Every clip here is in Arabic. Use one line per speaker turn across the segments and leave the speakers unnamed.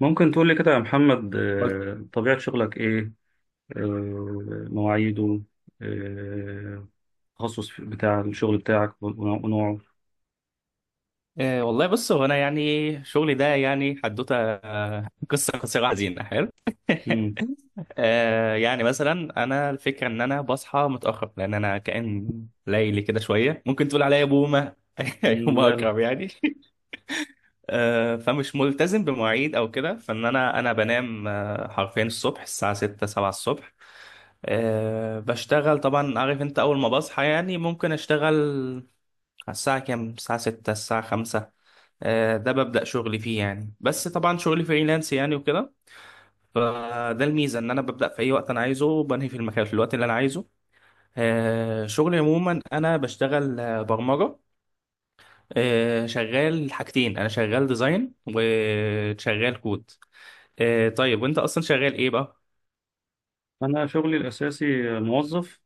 ممكن تقول لي كده يا محمد، طبيعة شغلك إيه؟ مواعيده؟ آه، التخصص بتاع الشغل بتاعك ونوعه؟
والله بص هو انا يعني شغلي ده يعني حدوته قصه قصيره حزينه حلو.
مم.
يعني مثلا انا الفكره ان انا بصحى متاخر لان انا كائن ليلي كده شويه ممكن تقول عليا بومه. يوم
مم، لا لا.
اكرم يعني. فمش ملتزم بمواعيد او كده فان انا بنام حرفيا الصبح الساعه 6 7 الصبح. بشتغل طبعا عارف انت اول ما بصحى يعني ممكن اشتغل على الساعه كام، الساعه 6 الساعه 5. ده ببدأ شغلي فيه يعني، بس طبعا شغلي فريلانس يعني وكده. فده الميزة ان انا ببدأ في اي وقت انا عايزه وبنهي في المكان في الوقت اللي انا عايزه. شغلي عموما انا بشتغل برمجة. شغال حاجتين، انا شغال ديزاين وشغال كود. طيب وانت اصلا شغال ايه بقى؟
أنا شغلي الأساسي موظف،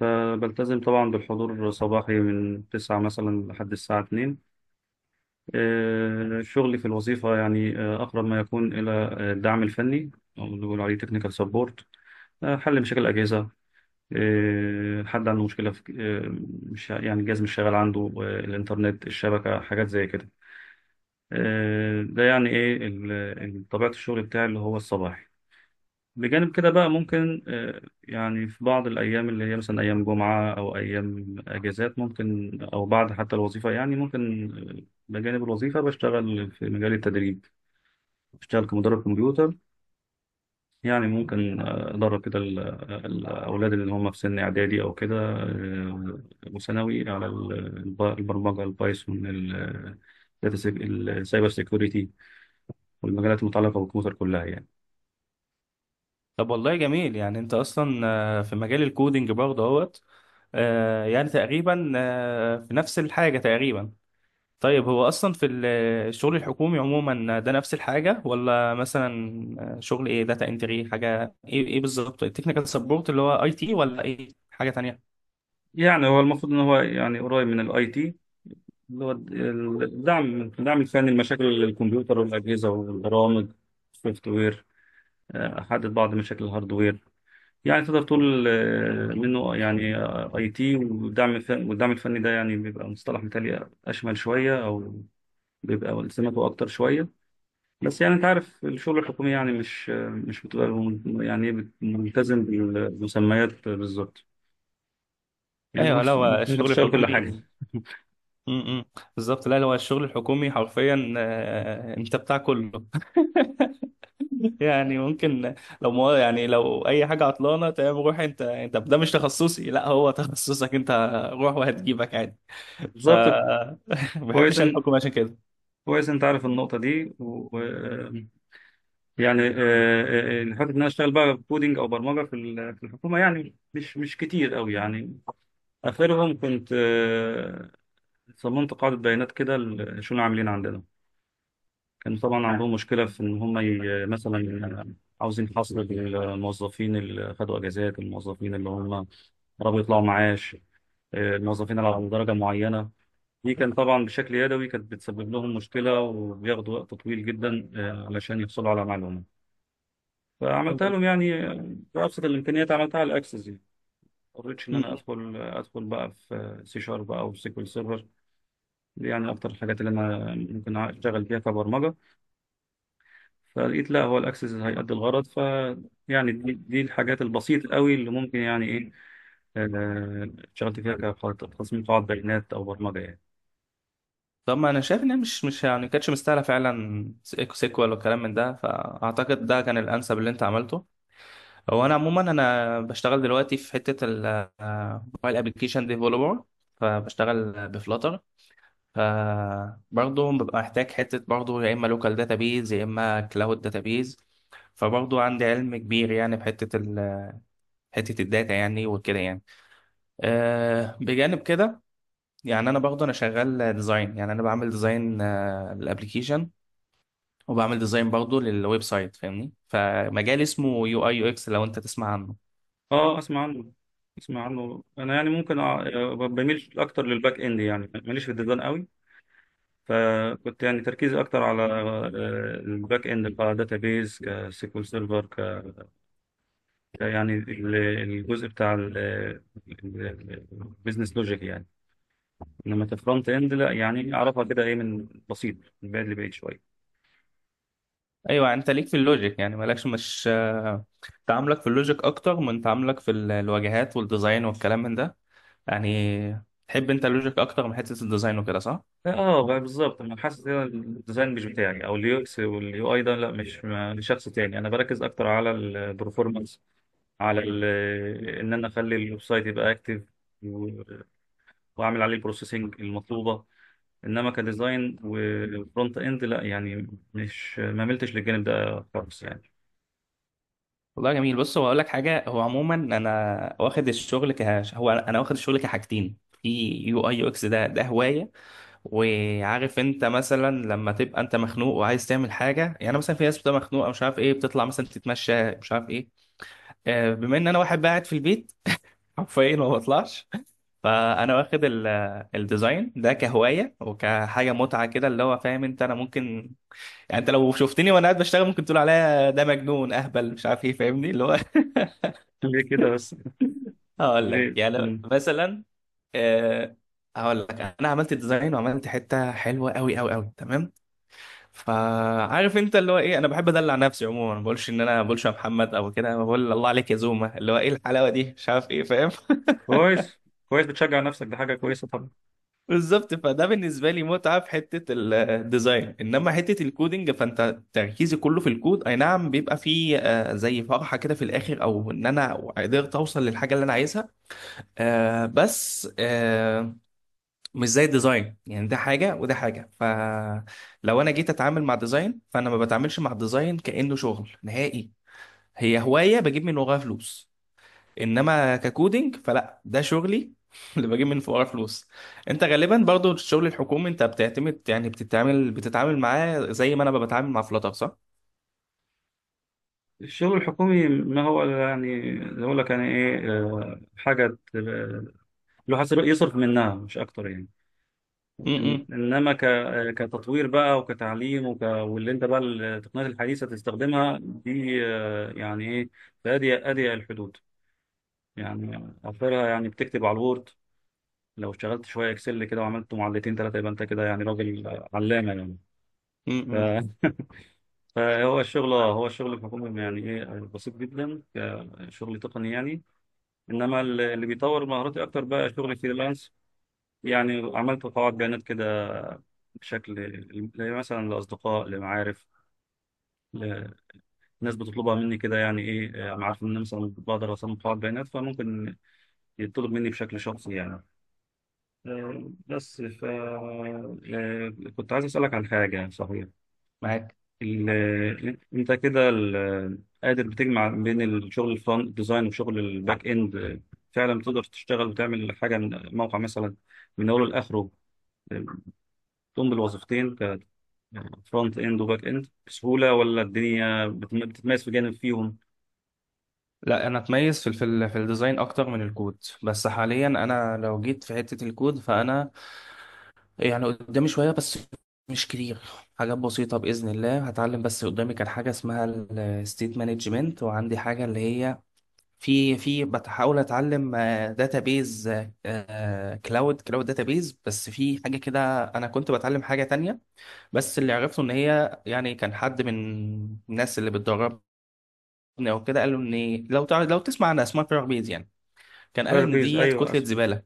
فبلتزم طبعا بالحضور صباحي من 9 مثلا لحد الساعة 2. شغلي في الوظيفة يعني أقرب ما يكون إلى الدعم الفني، أو اللي بيقولوا عليه تكنيكال سبورت، حل مشاكل الأجهزة. حد عنده مشكلة في مش يعني الجهاز مش شغال عنده، الإنترنت، الشبكة، حاجات زي كده. ده يعني إيه طبيعة الشغل بتاعي اللي هو الصباحي. بجانب كده بقى ممكن، يعني في بعض الأيام اللي هي مثلا أيام جمعة أو أيام أجازات ممكن، أو بعد حتى الوظيفة يعني ممكن، آه، بجانب الوظيفة بشتغل في مجال التدريب، بشتغل كمدرب كمبيوتر. يعني ممكن أدرب كده الأولاد اللي هم في سن إعدادي أو كده، وثانوي على البرمجة، البايثون، السايبر سيكوريتي، والمجالات المتعلقة بالكمبيوتر كلها يعني.
طب والله جميل يعني انت اصلا في مجال الكودينج برضه اهوت. يعني تقريبا في نفس الحاجة تقريبا. طيب هو اصلا في الشغل الحكومي عموما ده نفس الحاجه، ولا مثلا شغل ايه، داتا انتري، حاجه ايه، ايه بالظبط التكنيكال سبورت اللي هو اي تي ولا ايه حاجه تانية؟
يعني هو المفروض إن هو يعني قريب من الأي تي، اللي هو الدعم الفني لمشاكل الكمبيوتر والأجهزة والبرامج، السوفت وير. أحدد بعض مشاكل الهاردوير. يعني تقدر تقول منه يعني اي تي. والدعم الفني ده يعني بيبقى مصطلح مثالي، اشمل شويه او بيبقى التزاماته اكتر شويه. بس يعني انت عارف الشغل الحكومي يعني مش مش بتبقى يعني إيه ملتزم بالمسميات بالظبط، يعني انت
ايوه، لا
كنت
هو
ممكن
الشغل
تشتغل كل
الحكومي.
حاجه.
امم بالظبط. لا لا، هو الشغل الحكومي حرفيا انت بتاع كله. يعني ممكن لو ما يعني لو اي حاجه عطلانه تمام، روح انت، انت ده مش تخصصي، لا هو تخصصك انت، روح وهتجيبك عادي. ف
بالظبط.
ما
كويس
بحبش
إن-
الحكومه عشان كده.
كويس انت عارف النقطه دي، و آه، يعني حته ان انا اشتغل بقى كودينج او برمجه في الحكومه يعني مش كتير قوي يعني. آخرهم كنت صممت قاعدة بيانات كده شو العاملين عندنا. كان طبعا عندهم مشكلة في إن هم مثلا آه، عاوزين حصر للموظفين اللي خدوا أجازات، الموظفين اللي هم قربوا يطلعوا معاش، الموظفين اللي على درجة معينة. دي كان طبعا بشكل يدوي، كانت بتسبب لهم مشكلة وبياخدوا وقت طويل جدا علشان يحصلوا على معلومة. فعملتها لهم
م-
يعني بأبسط الإمكانيات، عملتها على الأكسس يعني. ما اضطريتش إن أنا
م.
أدخل أدخل بقى في سي شارب أو سيكول سيرفر. دي يعني أكتر الحاجات اللي أنا ممكن أشتغل فيها كبرمجة، فلقيت لا، هو الأكسس هيأدي الغرض. ف يعني دي الحاجات البسيطة قوي اللي ممكن يعني إيه، آه، اشتغلت فيها كتصميم قواعد بيانات أو برمجة يعني.
طب ما انا شايف ان هي مش يعني كانتش مستاهله فعلا سيكو سيكوال والكلام من ده، فاعتقد ده كان الانسب اللي انت عملته. هو انا عموما انا بشتغل دلوقتي في حته الموبايل ابلكيشن ديفلوبر، فبشتغل بفلاتر. فبرضه ببقى محتاج حته برضه يا اما لوكال داتابيز يا اما كلاود داتابيز. فبرضه عندي علم كبير يعني بحته حته الداتا يعني وكده يعني. أه بجانب كده يعني، انا برضه انا شغال ديزاين، يعني انا بعمل ديزاين الابلكيشن وبعمل ديزاين برضه للويب سايت. فاهمني؟ فمجال اسمه يو اي يو اكس لو انت تسمع عنه.
أه، أسمع عنه. أسمع عنه أنا، يعني ممكن بميل أكتر للباك إند، يعني ماليش في الديزاين قوي. فكنت يعني تركيزي أكتر على الباك إند، كداتابيز، كسيكول سيرفر، ك يعني الجزء بتاع البيزنس لوجيك يعني. انما كفرونت اند لا، يعني اعرفها كده ايه من بسيط، من بعيد لبعيد شويه.
ايوه انت ليك في اللوجيك، يعني مالكش، مش تعاملك في اللوجيك اكتر من تعاملك في الواجهات والديزاين والكلام من ده. يعني تحب انت اللوجيك اكتر من حته الديزاين وكده، صح؟
اه بقى، بالظبط، انا حاسس ان الديزاين مش بتاعي، او اليو اكس واليو اي ده لا، مش لشخص تاني. انا بركز اكتر على البرفورمانس، على ال ان انا اخلي الويب سايت يبقى اكتف، واعمل عليه البروسيسنج المطلوبه. انما كديزاين وفرونت اند لا يعني، مش ما ملتش للجانب ده خالص يعني.
والله جميل. بص هو اقول لك حاجه، هو عموما انا واخد الشغل ك، هو انا واخد الشغل كحاجتين. في يو اي يو اكس، ده ده هوايه. وعارف انت مثلا لما تبقى انت مخنوق وعايز تعمل حاجه، يعني مثلا في ناس بتبقى مخنوقه مش عارف ايه بتطلع مثلا تتمشى مش عارف ايه. بما ان انا واحد قاعد في البيت حرفيا ما بطلعش، فانا واخد الديزاين ده كهوايه وكحاجه متعه كده، اللي هو فاهم انت انا ممكن، يعني انت لو شفتني وانا قاعد بشتغل ممكن تقول عليا ده مجنون اهبل مش عارف ايه، فاهمني؟ اللي هو
ليه كده بس؟
هقول لك
ليه؟
يعني
مم.
مثلا آه، هقول لك، انا عملت ديزاين وعملت حته حلوه قوي قوي قوي تمام. فعارف انت اللي هو ايه، انا بحب ادلع نفسي عموما، ما بقولش ان انا ما بقولش يا محمد او كده، أنا بقول الله عليك يا زوما، اللي هو ايه الحلاوه دي مش عارف ايه، فاهم؟
كويس. كويس، بتشجع نفسك، ده حاجه كويسه طبعا.
بالظبط. فده بالنسبه لي متعه في حته الديزاين، انما حته الكودينج فانت تركيزي كله في الكود، اي نعم بيبقى فيه زي فرحه كده في الاخر او ان انا قدرت اوصل للحاجه اللي انا عايزها، آه، بس آه، مش زي الديزاين، يعني ده حاجه وده حاجه. ف لو انا جيت اتعامل مع ديزاين فانا ما بتعاملش مع الديزاين كانه شغل نهائي، هي هواية بجيب من وراها فلوس، انما ككودينج فلا، ده شغلي اللي بجيب من وراها فلوس. انت غالبا برضو الشغل الحكومي انت بتعتمد يعني بتتعامل معاه زي ما انا بتعامل مع فلاتر، صح؟
الشغل الحكومي ما هو إلا يعني زي اقول لك يعني ايه، الواحد يصرف منها مش اكتر يعني.
امم
انما ك كتطوير بقى، وكتعليم، وك واللي انت بقى التقنيات الحديثه تستخدمها دي يعني ايه، في اضيق اضيق الحدود. يعني اخرها يعني بتكتب على الوورد، لو اشتغلت شويه اكسل كده وعملت معلتين ثلاثه يبقى انت كده يعني راجل علامه يعني. ف
امم
فهو الشغل، هو الشغل الحكومي يعني ايه بسيط جدا، كشغل تقني يعني. انما اللي بيطور مهاراتي اكتر بقى شغل فريلانس. يعني عملت قواعد بيانات كده بشكل، مثلا لاصدقاء، لمعارف، لناس بتطلبها مني كده، يعني ايه انا عارف ان أنا مثلا بقدر اصمم قواعد بيانات، فممكن يطلب مني بشكل شخصي يعني. بس ف كنت عايز اسالك عن حاجه صحيح.
معاك.
انت كده قادر بتجمع بين الشغل الفرونت ديزاين وشغل الباك اند، فعلا تقدر تشتغل وتعمل حاجه من موقع مثلا من اوله لاخره، تقوم بالوظيفتين كفرونت اند وباك اند بسهوله، ولا الدنيا بتتميز في جانب فيهم؟
لا انا اتميز في في الديزاين اكتر من الكود، بس حاليا انا لو جيت في حتة الكود فانا يعني قدامي شوية بس، مش كتير، حاجات بسيطة بإذن الله هتعلم، بس قدامي كان حاجة اسمها الستيت مانجمنت، وعندي حاجة اللي هي في بحاول اتعلم داتابيز، كلاود داتابيز، بس في حاجه كده انا كنت بتعلم حاجه تانية. بس اللي عرفته ان هي يعني كان حد من الناس اللي بتدربني او كده قالوا ان لو تعرف، لو تسمع عن اسمها بيز يعني، كان قال
فاير
ان
بيز،
ديت
ايوه.
كتله
أس...
زباله.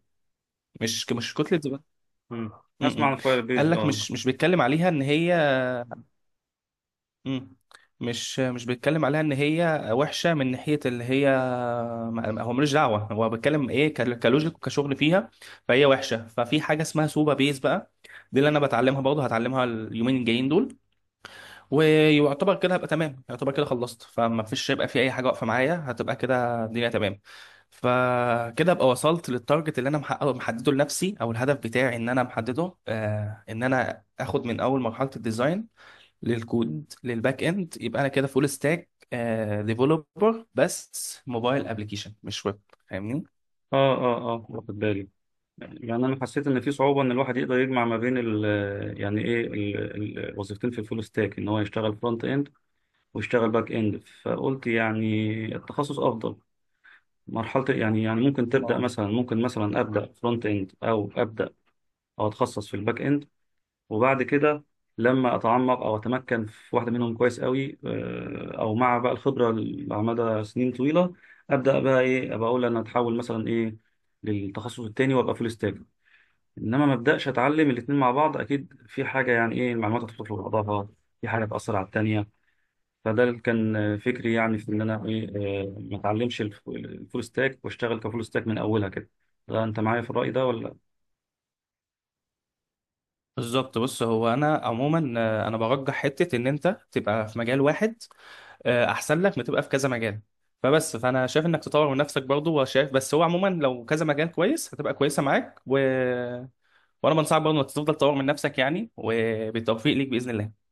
مش كتله زباله.
مم.
م
اسمع
-م.
عن فاير
قال
بيز،
لك
اه.
مش بيتكلم عليها ان هي، مم. مش بيتكلم عليها ان هي وحشه من ناحيه اللي هي، ما- هو ملوش دعوه، هو بيتكلم ايه، ك- كلوجيك وكشغل فيها، فهي وحشه. ففي حاجه اسمها سوبا بيز بقى، دي اللي انا بتعلمها برضه، هتعلمها اليومين الجايين دول. ويعتبر كده هبقى تمام، يعتبر كده خلصت، فما فيش هيبقى في اي حاجه واقفه معايا، هتبقى كده الدنيا تمام. فكده ابقى وصلت للتارجت اللي انا محققه محدده لنفسي، او الهدف بتاعي ان انا محدده آه ان انا اخد من اول مرحله الديزاين للكود للباك اند، يبقى انا كده فول ستاك ديفلوبر، بس موبايل ابلكيشن مش ويب، فاهمني؟
اه، اه، اه، واخد بالي. يعني انا حسيت ان في صعوبه ان الواحد يقدر يجمع ما بين ال، يعني ايه الوظيفتين في الفول ستاك، ان هو يشتغل فرونت اند واشتغل باك اند. فقلت يعني التخصص افضل مرحله، يعني يعني ممكن تبدا
اه
مثلا، ممكن مثلا ابدا فرونت اند، او ابدا او اتخصص في الباك اند، وبعد كده لما اتعمق او اتمكن في واحده منهم كويس قوي، او مع بقى الخبره على مدى سنين طويله، ابدا بقى ايه، ابقى اقول انا اتحول مثلا ايه للتخصص التاني وابقى فول ستاك. انما ما ابداش اتعلم الاتنين مع بعض، اكيد في حاجه يعني ايه المعلومات هتدخل في بعضها، في حاجه تاثر على التانيه. فده اللي كان فكري يعني في ان انا ايه، ما اتعلمش الفول ستاك واشتغل كفول ستاك من اولها كده. ده انت معايا في الرأي ده ولا؟
بالظبط. بص هو انا عموما انا برجح حته ان انت تبقى في مجال واحد، احسن لك ما تبقى في كذا مجال. فبس فانا شايف انك تطور من نفسك برضه، وشايف بس هو عموما لو كذا مجال كويس هتبقى كويسه معاك، و وانا بنصحك برضه انك تفضل تطور من نفسك يعني، وبالتوفيق ليك باذن الله.